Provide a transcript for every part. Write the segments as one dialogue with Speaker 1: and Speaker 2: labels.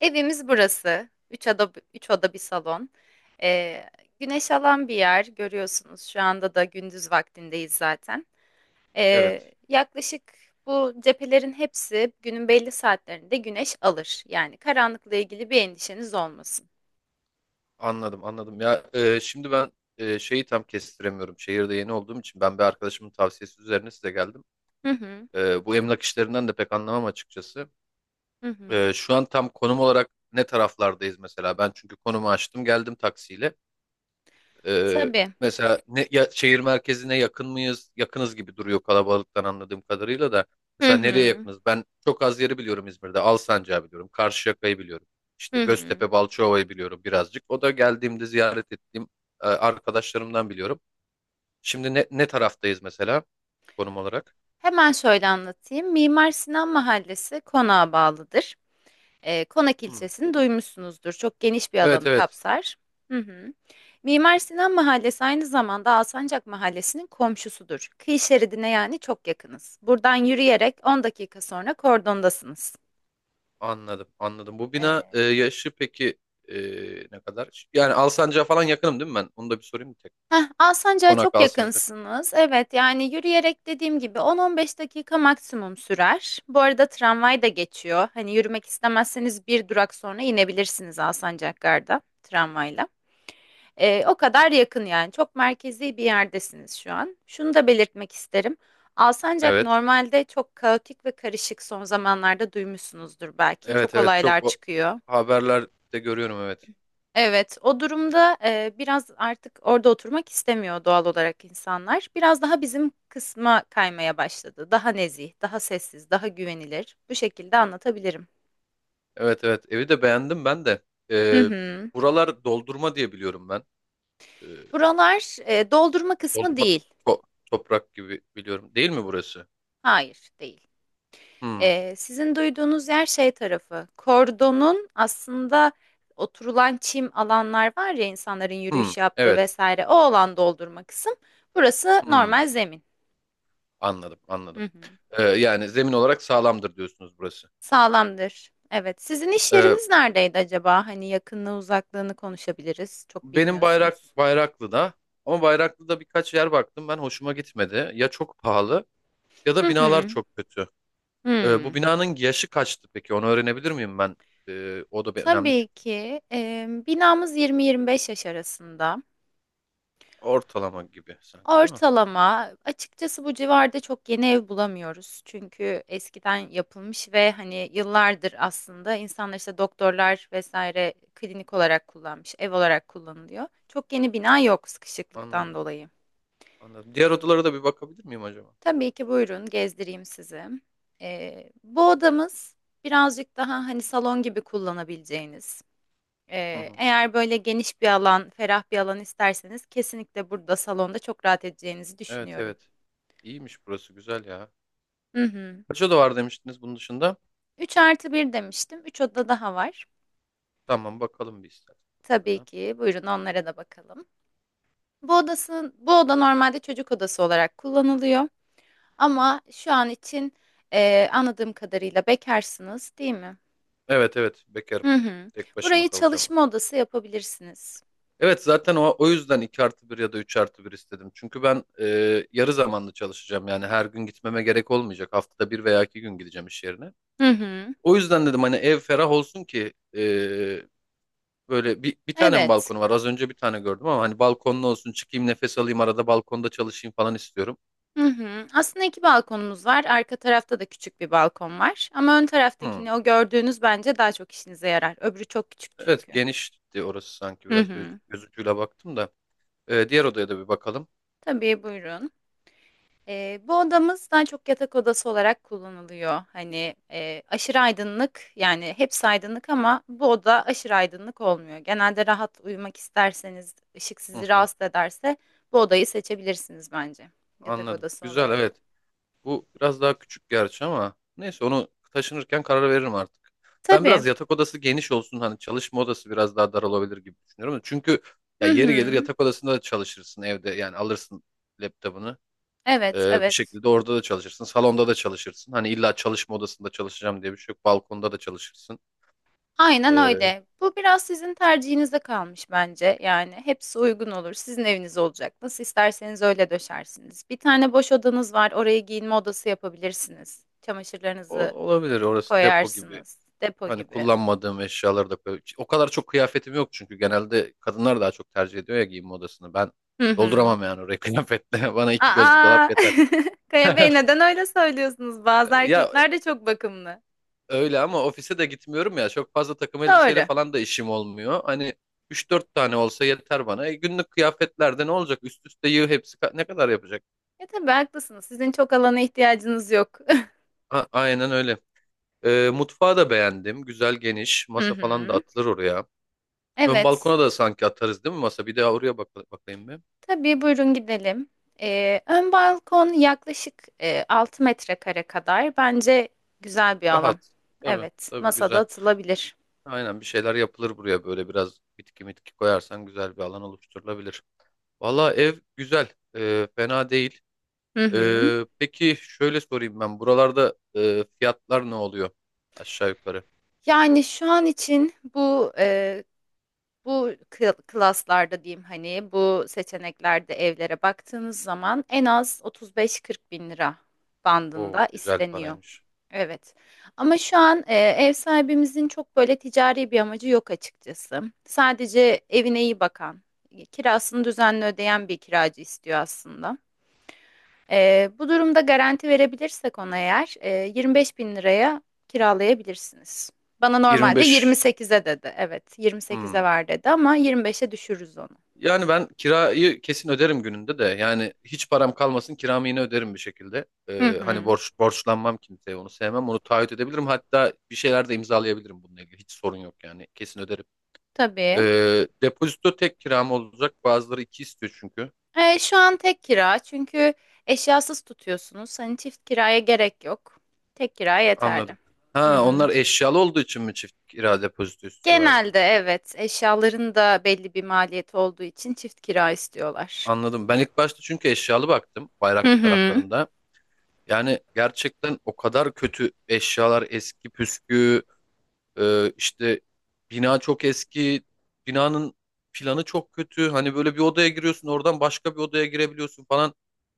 Speaker 1: Evimiz burası. Üç oda bir salon. Ee, güneş alan bir yer görüyorsunuz. Şu anda da gündüz vaktindeyiz zaten. Ee,
Speaker 2: Evet,
Speaker 1: yaklaşık bu cephelerin hepsi günün belli saatlerinde güneş alır. Yani karanlıkla ilgili bir endişeniz olmasın.
Speaker 2: anladım, anladım. Ya şimdi ben şeyi tam kestiremiyorum. Şehirde yeni olduğum için ben bir arkadaşımın tavsiyesi üzerine size geldim.
Speaker 1: Hı hı,
Speaker 2: Bu emlak işlerinden de pek anlamam açıkçası.
Speaker 1: hı hı.
Speaker 2: Şu an tam konum olarak ne taraflardayız mesela? Ben çünkü konumu açtım, geldim taksiyle. Ee,
Speaker 1: Tabii.
Speaker 2: mesela ya, şehir merkezine yakın mıyız? Yakınız gibi duruyor kalabalıktan anladığım kadarıyla da.
Speaker 1: Hı
Speaker 2: Mesela nereye
Speaker 1: hı,
Speaker 2: yakınız? Ben çok az yeri biliyorum İzmir'de. Alsancak'ı biliyorum. Karşıyaka'yı biliyorum. İşte
Speaker 1: hı hı.
Speaker 2: Göztepe, Balçova'yı biliyorum birazcık. O da geldiğimde ziyaret ettiğim arkadaşlarımdan biliyorum. Şimdi ne taraftayız mesela konum olarak?
Speaker 1: Hemen şöyle anlatayım. Mimar Sinan Mahallesi konağa bağlıdır. Konak
Speaker 2: Hmm.
Speaker 1: ilçesini duymuşsunuzdur. Çok geniş bir
Speaker 2: Evet
Speaker 1: alanı
Speaker 2: evet
Speaker 1: kapsar. Hı hı. Mimar Sinan Mahallesi aynı zamanda Alsancak Mahallesi'nin komşusudur. Kıyı şeridine yani çok yakınız. Buradan yürüyerek 10 dakika sonra kordondasınız.
Speaker 2: anladım anladım. Bu bina
Speaker 1: Ee,
Speaker 2: yaşı peki e, ne kadar? Yani Alsancak'a falan yakınım değil mi ben? Onu da bir sorayım bir tek.
Speaker 1: Alsancak'a
Speaker 2: Konak
Speaker 1: çok
Speaker 2: Alsancak.
Speaker 1: yakınsınız. Evet yani yürüyerek dediğim gibi 10-15 dakika maksimum sürer. Bu arada tramvay da geçiyor. Hani yürümek istemezseniz bir durak sonra inebilirsiniz Alsancak Gar'da tramvayla. O kadar yakın yani. Çok merkezi bir yerdesiniz şu an. Şunu da belirtmek isterim. Alsancak
Speaker 2: Evet.
Speaker 1: normalde çok kaotik ve karışık, son zamanlarda duymuşsunuzdur belki.
Speaker 2: Evet
Speaker 1: Çok
Speaker 2: evet
Speaker 1: olaylar
Speaker 2: çok o
Speaker 1: çıkıyor.
Speaker 2: haberlerde görüyorum evet.
Speaker 1: Evet, o durumda biraz artık orada oturmak istemiyor doğal olarak insanlar. Biraz daha bizim kısma kaymaya başladı. Daha nezih, daha sessiz, daha güvenilir. Bu şekilde anlatabilirim.
Speaker 2: Evet evet evi de beğendim ben de.
Speaker 1: Hı
Speaker 2: Ee,
Speaker 1: hı.
Speaker 2: buralar doldurma diye biliyorum ben. Ee,
Speaker 1: Buralar doldurma kısmı
Speaker 2: doldurma
Speaker 1: değil.
Speaker 2: to- toprak gibi biliyorum. Değil mi burası?
Speaker 1: Hayır, değil.
Speaker 2: Hmm,
Speaker 1: Sizin duyduğunuz yer şey tarafı, kordonun aslında oturulan çim alanlar var ya insanların
Speaker 2: hmm,
Speaker 1: yürüyüş yaptığı
Speaker 2: evet.
Speaker 1: vesaire, o alan doldurma kısım. Burası
Speaker 2: Hmm,
Speaker 1: normal zemin.
Speaker 2: anladım
Speaker 1: Hı
Speaker 2: anladım.
Speaker 1: hı.
Speaker 2: Yani zemin olarak sağlamdır diyorsunuz burası.
Speaker 1: Sağlamdır. Evet. Sizin iş
Speaker 2: Ee,
Speaker 1: yeriniz neredeydi acaba? Hani yakınlığı uzaklığını konuşabiliriz. Çok
Speaker 2: benim
Speaker 1: bilmiyorsunuz.
Speaker 2: Bayraklı'da ama Bayraklı'da birkaç yer baktım ben hoşuma gitmedi. Ya çok pahalı ya
Speaker 1: Hı
Speaker 2: da binalar
Speaker 1: hı.
Speaker 2: çok kötü. Bu
Speaker 1: Hmm.
Speaker 2: binanın yaşı kaçtı peki? Onu öğrenebilir miyim ben? O da bir önemli
Speaker 1: Tabii
Speaker 2: çünkü.
Speaker 1: ki. Binamız 20-25 yaş arasında.
Speaker 2: Ortalama gibi sanki değil mi?
Speaker 1: Ortalama. Açıkçası bu civarda çok yeni ev bulamıyoruz. Çünkü eskiden yapılmış ve hani yıllardır aslında insanlar işte doktorlar vesaire klinik olarak kullanmış, ev olarak kullanılıyor. Çok yeni bina yok sıkışıklıktan
Speaker 2: Anladım.
Speaker 1: dolayı.
Speaker 2: Anladım. Diğer odalara da bir bakabilir miyim acaba?
Speaker 1: Tabii ki buyurun gezdireyim sizi. Bu odamız birazcık daha hani salon gibi kullanabileceğiniz.
Speaker 2: Hı
Speaker 1: Ee,
Speaker 2: hı.
Speaker 1: eğer böyle geniş bir alan, ferah bir alan isterseniz kesinlikle burada salonda çok rahat edeceğinizi
Speaker 2: Evet
Speaker 1: düşünüyorum.
Speaker 2: evet. İyiymiş burası güzel ya.
Speaker 1: Hı hı.
Speaker 2: Kaç oda var demiştiniz bunun dışında?
Speaker 1: 3 artı 1 demiştim. 3 oda daha var.
Speaker 2: Tamam bakalım bir
Speaker 1: Tabii
Speaker 2: istersen.
Speaker 1: ki. Buyurun onlara da bakalım. Bu odası, bu oda normalde çocuk odası olarak kullanılıyor. Ama şu an için anladığım kadarıyla bekarsınız, değil mi?
Speaker 2: Evet evet bekarım.
Speaker 1: Hı hı.
Speaker 2: Tek başıma
Speaker 1: Burayı
Speaker 2: kalacağım ben.
Speaker 1: çalışma odası yapabilirsiniz.
Speaker 2: Evet zaten o yüzden 2 artı bir ya da 3 artı bir istedim. Çünkü ben yarı zamanlı çalışacağım. Yani her gün gitmeme gerek olmayacak. Haftada bir veya iki gün gideceğim iş yerine.
Speaker 1: Hı hı.
Speaker 2: O yüzden dedim hani ev ferah olsun ki böyle bir tane mi
Speaker 1: Evet.
Speaker 2: balkonu var? Az önce bir tane gördüm ama hani balkonlu olsun çıkayım nefes alayım arada balkonda çalışayım falan istiyorum.
Speaker 1: Hı hı. Aslında iki balkonumuz var. Arka tarafta da küçük bir balkon var. Ama ön
Speaker 2: Hmm.
Speaker 1: taraftakini, o gördüğünüz, bence daha çok işinize yarar. Öbürü çok küçük
Speaker 2: Evet
Speaker 1: çünkü.
Speaker 2: genişti orası sanki
Speaker 1: Hı
Speaker 2: biraz göz,
Speaker 1: hı.
Speaker 2: göz ucuyla baktım da. Diğer odaya da bir bakalım.
Speaker 1: Tabii buyurun. Bu odamız daha çok yatak odası olarak kullanılıyor. Hani aşırı aydınlık, yani hepsi aydınlık ama bu oda aşırı aydınlık olmuyor. Genelde rahat uyumak isterseniz, ışık
Speaker 2: Hı
Speaker 1: sizi
Speaker 2: hı,
Speaker 1: rahatsız ederse, bu odayı seçebilirsiniz bence yatak
Speaker 2: anladım.
Speaker 1: odası
Speaker 2: Güzel
Speaker 1: olarak.
Speaker 2: evet. Bu biraz daha küçük gerçi ama neyse onu taşınırken karar veririm artık. Ben
Speaker 1: Tabii.
Speaker 2: biraz yatak odası geniş olsun hani çalışma odası biraz daha dar olabilir gibi düşünüyorum. Çünkü ya
Speaker 1: Hı
Speaker 2: yeri gelir
Speaker 1: hı.
Speaker 2: yatak odasında da çalışırsın evde yani alırsın laptopunu.
Speaker 1: Evet,
Speaker 2: Bir
Speaker 1: evet.
Speaker 2: şekilde orada da çalışırsın. Salonda da çalışırsın. Hani illa çalışma odasında çalışacağım diye bir şey yok. Balkonda da çalışırsın.
Speaker 1: Aynen
Speaker 2: Ee,
Speaker 1: öyle. Bu biraz sizin tercihinize kalmış bence. Yani hepsi uygun olur. Sizin eviniz olacak. Nasıl isterseniz öyle döşersiniz. Bir tane boş odanız var. Oraya giyinme odası yapabilirsiniz.
Speaker 2: o,
Speaker 1: Çamaşırlarınızı
Speaker 2: olabilir orası depo gibi.
Speaker 1: koyarsınız. Depo
Speaker 2: Hani
Speaker 1: gibi.
Speaker 2: kullanmadığım eşyaları da koy. O kadar çok kıyafetim yok çünkü genelde kadınlar daha çok tercih ediyor ya giyinme odasını. Ben
Speaker 1: Hı hı.
Speaker 2: dolduramam yani orayı kıyafetle. Bana iki göz bir dolap
Speaker 1: Aa,
Speaker 2: yeter.
Speaker 1: Kaya Bey neden öyle söylüyorsunuz? Bazı
Speaker 2: Ya
Speaker 1: erkekler de çok bakımlı.
Speaker 2: öyle ama ofise de gitmiyorum ya. Çok fazla takım elbiseyle
Speaker 1: Doğru.
Speaker 2: falan da işim olmuyor. Hani üç dört tane olsa yeter bana. Günlük kıyafetlerde ne olacak? Üst üste yığ hepsi ne kadar yapacak?
Speaker 1: Ya tabii haklısınız. Sizin çok alana ihtiyacınız yok.
Speaker 2: Aynen öyle. Mutfağı da beğendim. Güzel geniş.
Speaker 1: Hı
Speaker 2: Masa falan da
Speaker 1: hı.
Speaker 2: atılır oraya. Ön
Speaker 1: Evet.
Speaker 2: balkona da sanki atarız değil mi masa? Bir daha oraya bak bakayım bir.
Speaker 1: Tabii buyurun gidelim. Ön balkon yaklaşık 6 metrekare kadar. Bence güzel bir alan.
Speaker 2: Rahat. Tabii,
Speaker 1: Evet,
Speaker 2: tabii
Speaker 1: masada
Speaker 2: güzel.
Speaker 1: atılabilir.
Speaker 2: Aynen bir şeyler yapılır buraya böyle biraz bitki mitki koyarsan güzel bir alan oluşturulabilir. Valla ev güzel. Fena değil.
Speaker 1: Hı hı.
Speaker 2: Peki şöyle sorayım ben. Buralarda fiyatlar ne oluyor? Aşağı yukarı.
Speaker 1: Yani şu an için bu bu klaslarda diyeyim, hani bu seçeneklerde evlere baktığınız zaman en az 35-40 bin lira
Speaker 2: O
Speaker 1: bandında
Speaker 2: güzel
Speaker 1: isteniyor.
Speaker 2: paraymış.
Speaker 1: Evet. Ama şu an ev sahibimizin çok böyle ticari bir amacı yok açıkçası. Sadece evine iyi bakan, kirasını düzenli ödeyen bir kiracı istiyor aslında. Bu durumda garanti verebilirsek ona, eğer 25 bin liraya kiralayabilirsiniz. Bana normalde
Speaker 2: 25.
Speaker 1: 28'e dedi. Evet,
Speaker 2: Hmm.
Speaker 1: 28'e var dedi ama 25'e düşürürüz onu.
Speaker 2: Yani ben kirayı kesin öderim gününde de. Yani hiç param kalmasın kiramı yine öderim bir şekilde.
Speaker 1: Hı
Speaker 2: Hani
Speaker 1: hı.
Speaker 2: borçlanmam kimseye onu sevmem. Onu taahhüt edebilirim. Hatta bir şeyler de imzalayabilirim bununla ilgili. Hiç sorun yok yani. Kesin öderim.
Speaker 1: Tabii.
Speaker 2: Depozito tek kiram olacak. Bazıları iki istiyor çünkü.
Speaker 1: Şu an tek kira çünkü eşyasız tutuyorsunuz. Hani çift kiraya gerek yok. Tek kira yeterli.
Speaker 2: Anladım.
Speaker 1: Hı
Speaker 2: Ha
Speaker 1: hı.
Speaker 2: onlar eşyalı olduğu için mi çift kira depozito
Speaker 1: Genelde
Speaker 2: istiyorlardı?
Speaker 1: evet, eşyaların da belli bir maliyeti olduğu için çift kira istiyorlar.
Speaker 2: Anladım. Ben ilk başta çünkü eşyalı baktım
Speaker 1: Hı
Speaker 2: bayrak
Speaker 1: hı.
Speaker 2: taraflarında. Yani gerçekten o kadar kötü eşyalar eski püskü. İşte bina çok eski, binanın planı çok kötü. Hani böyle bir odaya giriyorsun, oradan başka bir odaya girebiliyorsun falan.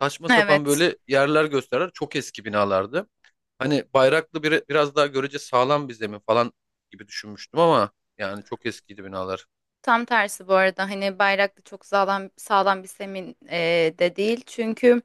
Speaker 2: Saçma sapan
Speaker 1: Evet.
Speaker 2: böyle yerler gösterir. Çok eski binalardı. Hani Bayraklı biraz daha görece sağlam bir zemin falan gibi düşünmüştüm ama yani çok eskiydi binalar.
Speaker 1: Tam tersi bu arada, hani Bayraklı çok sağlam sağlam bir semin de değil. Çünkü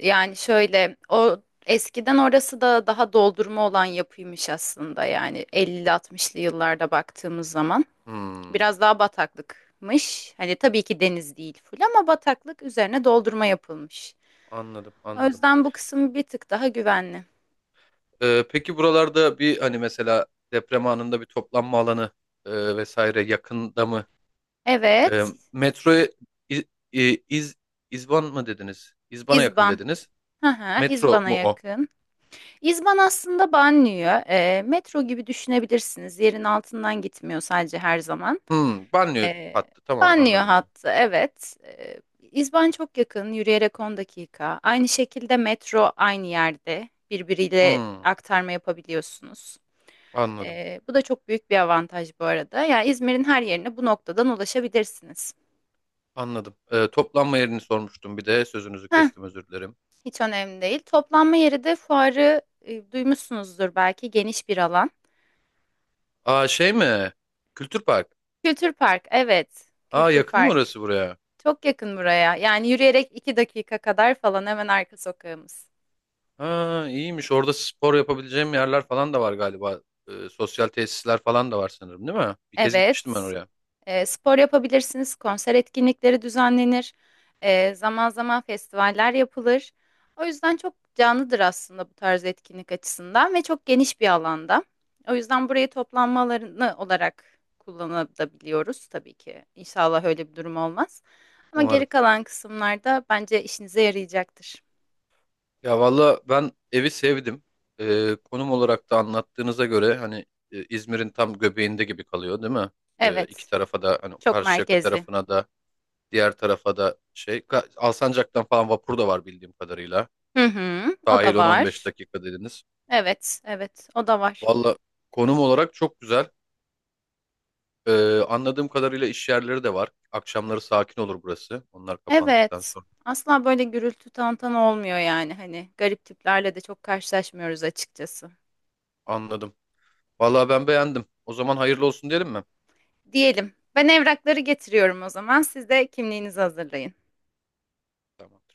Speaker 1: yani şöyle, o eskiden orası da daha doldurma olan yapıymış aslında, yani 50-60'lı yıllarda baktığımız zaman.
Speaker 2: Hmm,
Speaker 1: Biraz daha bataklıkmış. Hani tabii ki deniz değil full, ama bataklık üzerine doldurma yapılmış.
Speaker 2: anladım,
Speaker 1: O
Speaker 2: anladım.
Speaker 1: yüzden bu kısım bir tık daha güvenli.
Speaker 2: Peki buralarda bir hani mesela deprem anında bir toplanma alanı vesaire yakında mı? E,
Speaker 1: Evet,
Speaker 2: metroya İ- İ- İz, İzban mı dediniz? İzban'a yakın
Speaker 1: İzban.
Speaker 2: dediniz.
Speaker 1: Hı hı,
Speaker 2: Metro
Speaker 1: İzban'a
Speaker 2: mu o?
Speaker 1: yakın. İzban aslında banliyö. Metro gibi düşünebilirsiniz. Yerin altından gitmiyor sadece her zaman.
Speaker 2: Hmm, banyo
Speaker 1: E,
Speaker 2: hattı. Tamam
Speaker 1: banliyö
Speaker 2: anladım onu.
Speaker 1: hattı, evet. İzban çok yakın, yürüyerek 10 dakika. Aynı şekilde metro aynı yerde. Birbiriyle
Speaker 2: Hmm,
Speaker 1: aktarma yapabiliyorsunuz.
Speaker 2: anladım.
Speaker 1: Bu da çok büyük bir avantaj bu arada. Yani İzmir'in her yerine bu noktadan ulaşabilirsiniz.
Speaker 2: Anladım. Toplanma yerini sormuştum bir de. Sözünüzü
Speaker 1: Heh,
Speaker 2: kestim özür dilerim.
Speaker 1: hiç önemli değil. Toplanma yeri de fuarı, duymuşsunuzdur belki, geniş bir alan.
Speaker 2: Aa şey mi? Kültür Park.
Speaker 1: Kültür Park, evet.
Speaker 2: Aa
Speaker 1: Kültür
Speaker 2: yakın mı
Speaker 1: Park.
Speaker 2: orası buraya?
Speaker 1: Çok yakın buraya. Yani yürüyerek iki dakika kadar falan, hemen arka sokağımız.
Speaker 2: Ha iyiymiş. Orada spor yapabileceğim yerler falan da var galiba. Sosyal tesisler falan da var sanırım değil mi? Bir kez gitmiştim ben
Speaker 1: Evet.
Speaker 2: oraya.
Speaker 1: Spor yapabilirsiniz, konser etkinlikleri düzenlenir, zaman zaman festivaller yapılır. O yüzden çok canlıdır aslında bu tarz etkinlik açısından, ve çok geniş bir alanda. O yüzden burayı toplanma alanı olarak kullanabiliyoruz tabii ki. İnşallah öyle bir durum olmaz. Ama geri
Speaker 2: Umarım.
Speaker 1: kalan kısımlarda bence işinize yarayacaktır.
Speaker 2: Ya valla ben evi sevdim. Konum olarak da anlattığınıza göre hani İzmir'in tam göbeğinde gibi kalıyor değil mi? İki
Speaker 1: Evet,
Speaker 2: tarafa da hani
Speaker 1: çok
Speaker 2: Karşıyaka
Speaker 1: merkezli.
Speaker 2: tarafına da diğer tarafa da Alsancak'tan falan vapur da var bildiğim kadarıyla.
Speaker 1: Hı hı, o da
Speaker 2: Dahil on 15
Speaker 1: var.
Speaker 2: dakika dediniz.
Speaker 1: Evet, evet, o da var.
Speaker 2: Valla konum olarak çok güzel. Anladığım kadarıyla iş yerleri de var. Akşamları sakin olur burası. Onlar kapandıktan
Speaker 1: Evet.
Speaker 2: sonra.
Speaker 1: Asla böyle gürültü tantana olmuyor, yani hani garip tiplerle de çok karşılaşmıyoruz açıkçası.
Speaker 2: Anladım. Valla ben beğendim. O zaman hayırlı olsun diyelim mi?
Speaker 1: Diyelim. Ben evrakları getiriyorum o zaman. Siz de kimliğinizi hazırlayın.
Speaker 2: Tamam.